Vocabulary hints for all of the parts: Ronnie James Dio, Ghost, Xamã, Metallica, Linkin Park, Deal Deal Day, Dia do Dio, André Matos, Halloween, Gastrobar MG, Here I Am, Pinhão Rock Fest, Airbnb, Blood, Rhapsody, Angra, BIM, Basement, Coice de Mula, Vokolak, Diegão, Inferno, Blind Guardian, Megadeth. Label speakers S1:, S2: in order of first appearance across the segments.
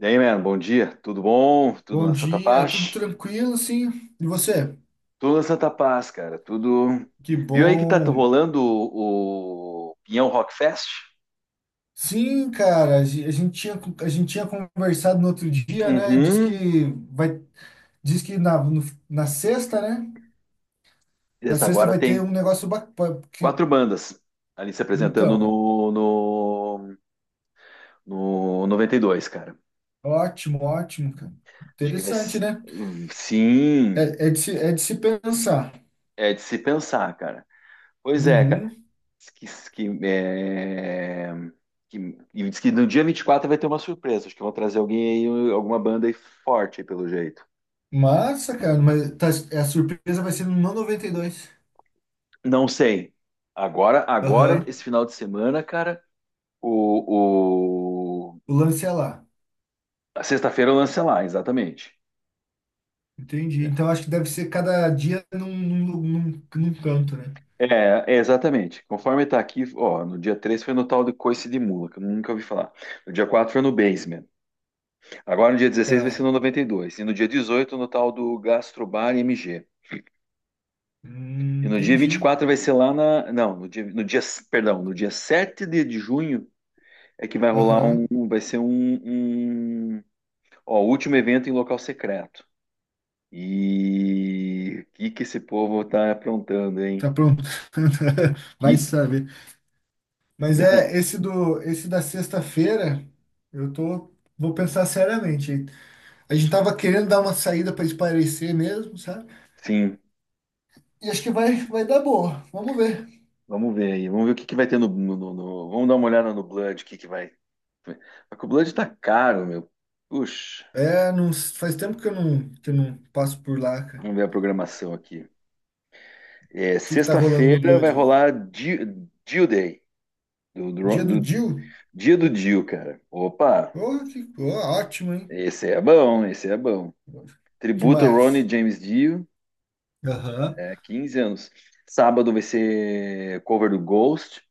S1: E aí, mano, bom dia. Tudo bom? Tudo
S2: Bom
S1: na Santa
S2: dia, tudo
S1: Paz?
S2: tranquilo, sim. E você?
S1: Tudo na Santa Paz, cara. Tudo.
S2: Que
S1: Viu aí que tá
S2: bom.
S1: rolando o Pinhão Rock Fest?
S2: Sim, cara, a gente tinha conversado no outro dia, né? Diz que
S1: Uhum.
S2: vai, diz que na, no- na sexta, né? Na
S1: Desde
S2: sexta
S1: agora
S2: vai ter
S1: tem
S2: um negócio bacana.
S1: quatro bandas ali se apresentando
S2: Então,
S1: no 92, cara.
S2: ótimo, ótimo, cara.
S1: Acho que vai.
S2: Interessante, né? É,
S1: Sim,
S2: é de se, é de se pensar.
S1: é de se pensar, cara. Pois é, cara.
S2: Uhum.
S1: Que, que, é, que, e diz que no dia 24 vai ter uma surpresa. Acho que vão trazer alguém aí, alguma banda aí forte, aí, pelo jeito.
S2: Massa, cara, a surpresa vai ser no 92.
S1: Não sei. Agora,
S2: Aham.
S1: esse final de semana, cara, o, o...
S2: O lance é lá.
S1: a sexta-feira lança lá, exatamente.
S2: Entendi. Então acho que deve ser cada dia num canto, né?
S1: É, é, exatamente. Conforme tá aqui, ó, no dia 3 foi no tal de Coice de Mula, que eu nunca ouvi falar. No dia 4 foi no Basement. Agora no dia 16 vai ser
S2: Tá.
S1: no 92 e no dia 18 no tal do Gastrobar MG. E no dia vinte e
S2: Entendi.
S1: quatro vai ser lá na. Não, perdão, no dia 7 de junho é que vai rolar um.
S2: Aham.
S1: Vai ser um, um ó, o último evento em local secreto. E o que que esse povo tá aprontando, hein?
S2: Tá pronto. Vai
S1: Que-
S2: saber. Mas é esse da sexta-feira, eu tô vou pensar seriamente. A gente tava querendo dar uma saída para espairecer mesmo, sabe?
S1: Sim,
S2: E acho que vai dar boa. Vamos ver.
S1: vamos ver aí. Vamos ver o que que vai ter Vamos dar uma olhada no Blood, o que que vai. Só que o Blood tá caro, meu. Puxa,
S2: É, não, faz tempo que eu não passo por lá, cara. O
S1: vamos ver a programação aqui. É,
S2: que que tá rolando no
S1: sexta-feira vai
S2: Blood?
S1: rolar Deal Day do,
S2: Dia do
S1: do
S2: Jill?
S1: Dia do Dio, cara. Opa,
S2: Oh, ótimo, hein?
S1: esse é bom, esse é bom.
S2: Que
S1: Tributo Ronnie
S2: mais?
S1: James Dio,
S2: Aham,
S1: é, 15 anos. Sábado vai ser cover do Ghost,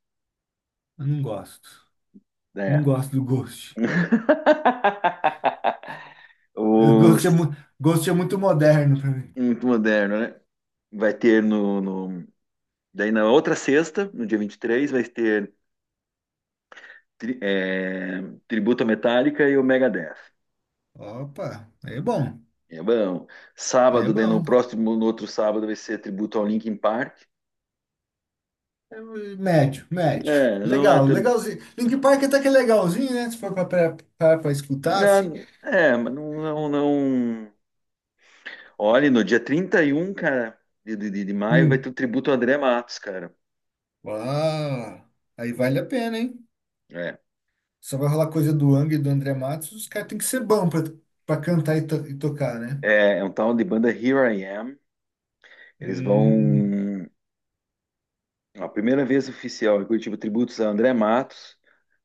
S2: eu não gosto. Não
S1: né?
S2: gosto do Ghost. Ghost é,
S1: Os-
S2: mu Ghost é muito moderno pra mim.
S1: Muito moderno, né? Vai ter daí na outra sexta, no dia 23, vai ter tri- é, tributo à Metallica e o Megadeth.
S2: Opa, aí é bom.
S1: É bom.
S2: Aí é
S1: Sábado, daí no
S2: bom.
S1: próximo, no outro sábado, vai ser tributo ao Linkin Park.
S2: É médio, médio.
S1: É, não é
S2: Legal,
S1: tão.
S2: legalzinho. Linkin Park até que é legalzinho, né? Se for pra escutar,
S1: Ah,
S2: assim.
S1: é, mas não, não, não. Olha, no dia 31, cara, de maio, vai ter
S2: Hum.
S1: o tributo ao André Matos, cara.
S2: Uau, aí vale a pena, hein?
S1: É.
S2: Só vai rolar coisa do Angra e do André Matos. Os caras têm que ser bons pra cantar e tocar, né?
S1: É um tal de banda Here I Am. Eles
S2: Hum.
S1: vão. A primeira vez oficial em Curitiba, tributos a André Matos,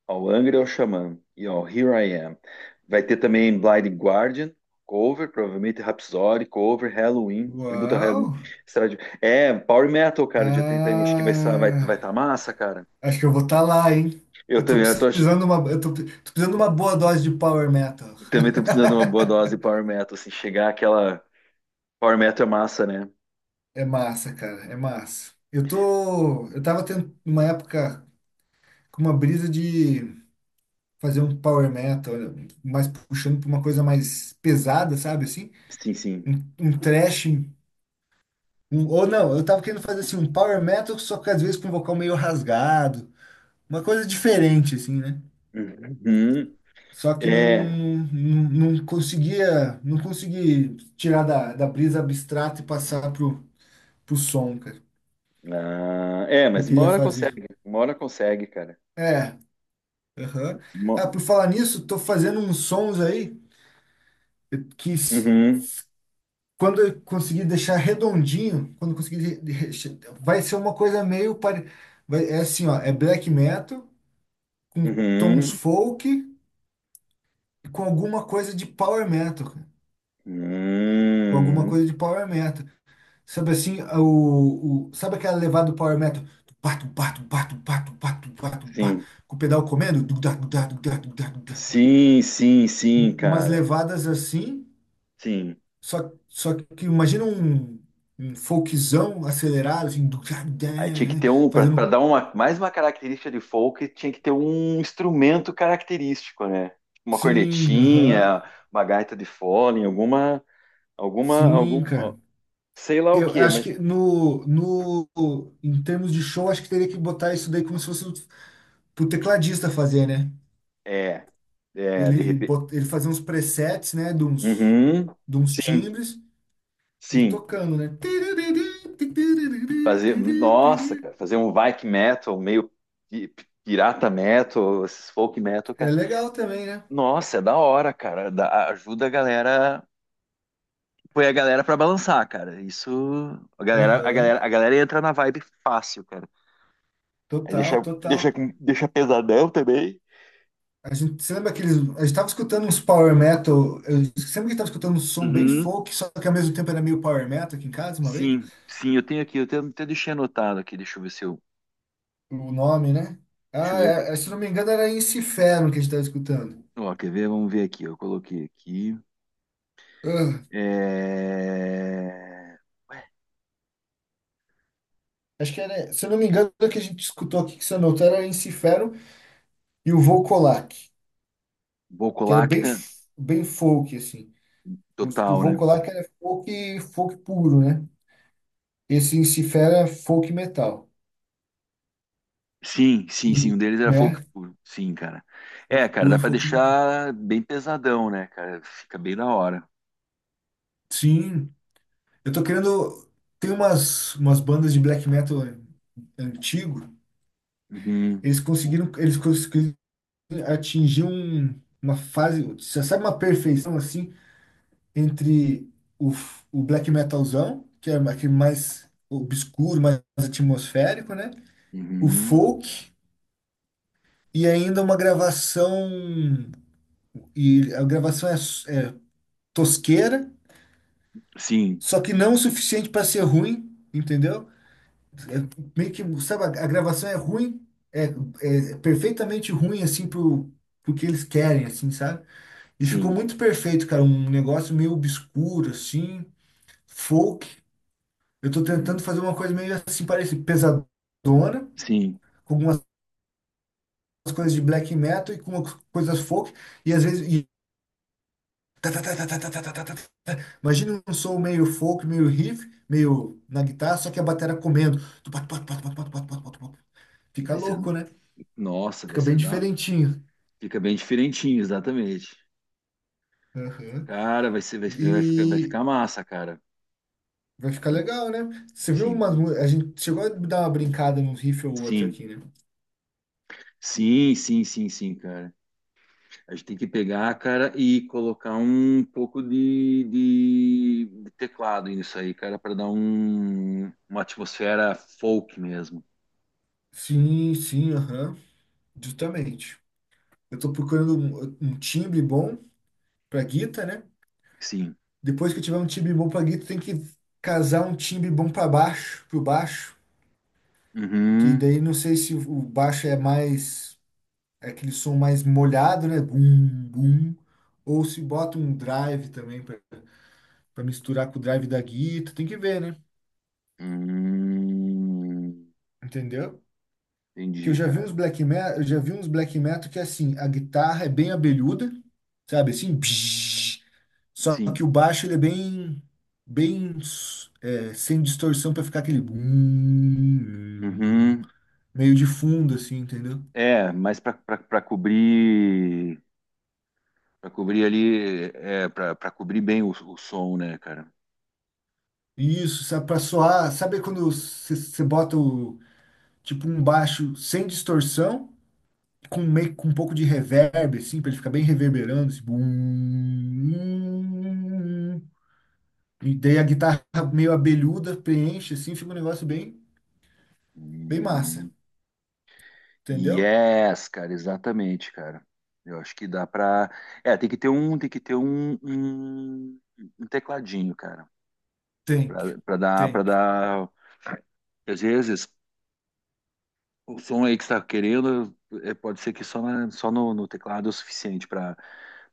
S1: ao Angra e ao Xamã. E ao Here I Am. Vai ter também Blind Guardian, cover, provavelmente Rhapsody, cover, Halloween, tributo a
S2: Uau.
S1: Halloween. É, Power Metal, cara, dia 31. Acho que vai estar vai, vai
S2: Ah.
S1: tá massa, cara.
S2: Acho que eu vou estar lá, hein?
S1: Eu
S2: Eu tô
S1: também, eu tô,
S2: precisando uma, eu tô, pre- tô precisando de uma boa dose de power metal.
S1: também tô precisando de uma boa dose de Power Metal, assim, chegar aquela. Power Metal é massa, né?
S2: É massa, cara, é massa. Eu tava tendo uma época com uma brisa de fazer um power metal, mais puxando pra uma coisa mais pesada, sabe assim?
S1: Sim, sim.
S2: Um thrash, ou não, eu tava querendo fazer assim um power metal, só que às vezes com um vocal meio rasgado, uma coisa diferente assim, né?
S1: Uhum.
S2: Só que
S1: É.
S2: não consegui tirar da brisa abstrata e passar pro som, cara,
S1: Ah, é,
S2: que eu
S1: mas uma
S2: queria
S1: hora consegue.
S2: fazer.
S1: Uma hora consegue, cara.
S2: É, aham. Ah,
S1: Uma-
S2: por falar nisso, tô fazendo uns sons aí que s-
S1: Uhum.
S2: quando eu conseguir deixar redondinho, quando eu conseguir de- vai ser uma coisa meio pare... Vai, é assim, ó, é black metal com tons
S1: Uhum.
S2: folk e com alguma coisa de power metal, cara. Com alguma
S1: Uhum.
S2: coisa de power metal. Sabe assim, sabe aquela levada do power metal? Tupá, tupá, tupá, tupá, tupá, tupá, tupá,
S1: Sim.
S2: com o pedal comendo? Dugdá, dugdá, dugdá, dugdá, dugdá.
S1: Sim, sim, sim,
S2: Umas
S1: cara.
S2: levadas assim,
S1: Sim.
S2: só que imagina um folkzão acelerado, assim, dugdá, dugdá,
S1: Aí tinha que
S2: né,
S1: ter um. Para Pra
S2: fazendo?
S1: dar uma, mais uma característica de folk, tinha que ter um instrumento característico, né? Uma
S2: Sim, aham,
S1: cornetinha, uma gaita de fole, alguma.
S2: sim,
S1: Ó,
S2: cara.
S1: sei lá o
S2: Eu
S1: que,
S2: acho
S1: mas
S2: que no, no, em termos de show, acho que teria que botar isso daí como se fosse pro tecladista fazer, né?
S1: é, de
S2: ele,
S1: repente.
S2: bot- ele fazia uns presets, né, de uns,
S1: Uhum,
S2: de uns
S1: sim,
S2: timbres e
S1: sim.
S2: tocando, né?
S1: Fazer, nossa, cara, fazer um Viking metal, meio pi- pirata metal, esses folk metal,
S2: É
S1: cara.
S2: legal também, né?
S1: Nossa, é da hora, cara. Ajuda a galera, põe a galera pra balançar, cara. Isso,
S2: Aham,
S1: a galera entra na vibe fácil, cara. Aí
S2: total, total.
S1: deixa pesadão também.
S2: A gente, você lembra aqueles. A gente tava escutando uns power metal. Eu sempre que tava escutando um som bem
S1: Uhum,
S2: folk, só que ao mesmo tempo era meio power metal aqui em casa uma vez.
S1: sim, sim, eu tenho aqui, até deixei anotado aqui, deixa eu ver se eu,
S2: O nome, né?
S1: deixa
S2: Ah,
S1: eu ver.
S2: se eu não me engano, era Inferno que a gente tava escutando.
S1: Ó, quer ver? Vamos ver aqui. Eu coloquei aqui.
S2: Ah,
S1: É... Ué,
S2: acho que era. Se eu não me engano, o que a gente escutou aqui que você anotou era Inferno e o Vokolak, que era bem,
S1: Bocolacta
S2: f- bem folk, assim. O
S1: total, né?
S2: Vokolak era folk, folk puro, né? Esse em si folk metal.
S1: Sim, sim, sim.
S2: E,
S1: Um deles era folk
S2: né?
S1: puro. Sim, cara. É,
S2: Folk
S1: cara, dá
S2: puro,
S1: pra
S2: folk metal.
S1: deixar bem pesadão, né, cara? Fica bem da hora.
S2: Sim, eu tô querendo. Tem umas bandas de black metal antigo,
S1: Uhum,
S2: eles conseguiram atingir uma fase, você sabe, uma perfeição assim entre o black metalzão, que é aquele mais obscuro, mais atmosférico, né? O
S1: uhum.
S2: folk e ainda uma gravação, e a gravação é tosqueira,
S1: Sim,
S2: só que não o suficiente para ser ruim, entendeu? É meio que, sabe, a gravação é ruim, é perfeitamente ruim assim pro que eles querem, assim, sabe? E ficou
S1: sim.
S2: muito perfeito, cara, um negócio meio obscuro assim, folk. Eu tô
S1: Uhum,
S2: tentando fazer uma coisa meio assim, parece pesadona,
S1: sim.
S2: com algumas coisas de black metal e com umas coisas folk, e às vezes tá, tá, tá, tá, tá, tá, tá, tá, tá, tá, tá. Imagina um som meio folk, meio riff, meio na guitarra, só que a bateria comendo. Tu pat, pat, pat, pat, pat, pat, pat, pat, pat. Fica
S1: Vai ser.
S2: louco, né?
S1: Nossa, vai
S2: Fica bem
S1: ser da.
S2: diferentinho.
S1: Fica bem diferentinho, exatamente.
S2: Aham.
S1: Cara, vai ficar, vai
S2: E
S1: ficar massa, cara.
S2: vai ficar
S1: Tem-
S2: legal, né? Você viu
S1: Sim,
S2: umas. A gente chegou a dar uma brincada num riff ou outro
S1: sim.
S2: aqui, né?
S1: Sim, sim, sim, sim, cara. A gente tem que pegar, cara, e colocar um pouco de teclado nisso aí, cara, para dar uma atmosfera folk mesmo.
S2: Sim, sim, aham. Justamente. Eu tô procurando um timbre bom pra guitarra, né?
S1: Sim.
S2: Depois que eu tiver um timbre bom pra guitar, tem que casar um timbre bom pro baixo. Que
S1: Uhum.
S2: daí não sei se o baixo é mais, é aquele som mais molhado, né? Bum, bum. Ou se bota um drive também pra misturar com o drive da guitarra. Tem que ver, né?
S1: Hum,
S2: Entendeu? Que eu
S1: entendi,
S2: já vi uns
S1: cara.
S2: black metal, eu já vi uns black metal que assim, a guitarra é bem abelhuda, sabe? Assim, psh, só
S1: Sim.
S2: que o baixo ele é bem é, sem distorção pra ficar aquele bum,
S1: Uhum.
S2: meio de fundo, assim, entendeu?
S1: É, mas para cobrir ali, é, para cobrir bem o som, né, cara?
S2: Isso, sabe, pra soar. Sabe quando você bota o, tipo um baixo sem distorção, com meio com um pouco de reverb, assim, pra ele ficar bem reverberando, assim, bum, e daí a guitarra meio abelhuda preenche, assim, fica um negócio bem massa,
S1: Uhum.
S2: entendeu?
S1: Yes, cara, exatamente, cara. Eu acho que dá pra. É, tem que ter um, tem que ter um, um, um tecladinho, cara,
S2: Thank you,
S1: para
S2: thank you.
S1: dar. Às vezes o som aí que está querendo, é, pode ser que só, só no teclado é o suficiente pra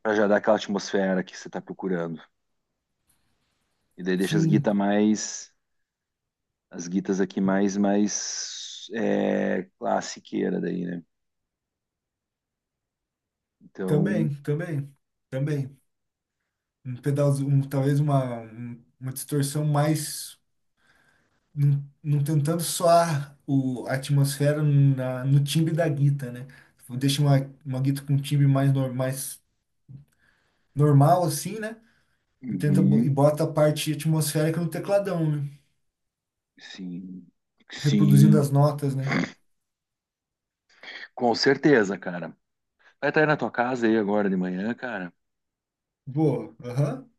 S1: para já dar aquela atmosfera que você tá procurando. E daí deixa as guitas
S2: Sim,
S1: mais, as guitas aqui mais, mais é, classiqueira daí, né? Então,
S2: também, também, também. Um pedalzinho, talvez uma distorção mais. Não tentando soar a atmosfera no timbre da guita, né? Deixa uma guita com um timbre mais, nor- mais normal, assim, né? E,
S1: uhum,
S2: bota a parte atmosférica no tecladão, né?
S1: sim,
S2: Reproduzindo
S1: sim,
S2: as notas, né?
S1: com certeza, cara. Vai estar aí na tua casa aí agora de manhã, cara.
S2: Boa, aham.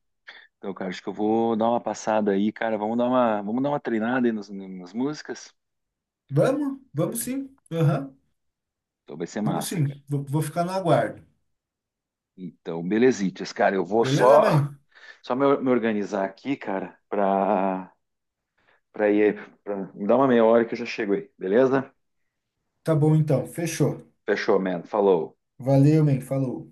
S1: Então, cara, acho que eu vou dar uma passada aí, cara. Vamos dar uma treinada aí nas músicas.
S2: Vamos, vamos sim, aham.
S1: Então vai ser
S2: Vamos
S1: massa, cara.
S2: sim, vou ficar no aguardo.
S1: Então, belezitas, cara. Eu vou
S2: Beleza,
S1: só,
S2: man?
S1: me organizar aqui, cara, pra ir, me dar uma meia hora que eu já chego aí, beleza?
S2: Tá bom então, fechou.
S1: Fechou, man. Falou.
S2: Valeu, man, falou.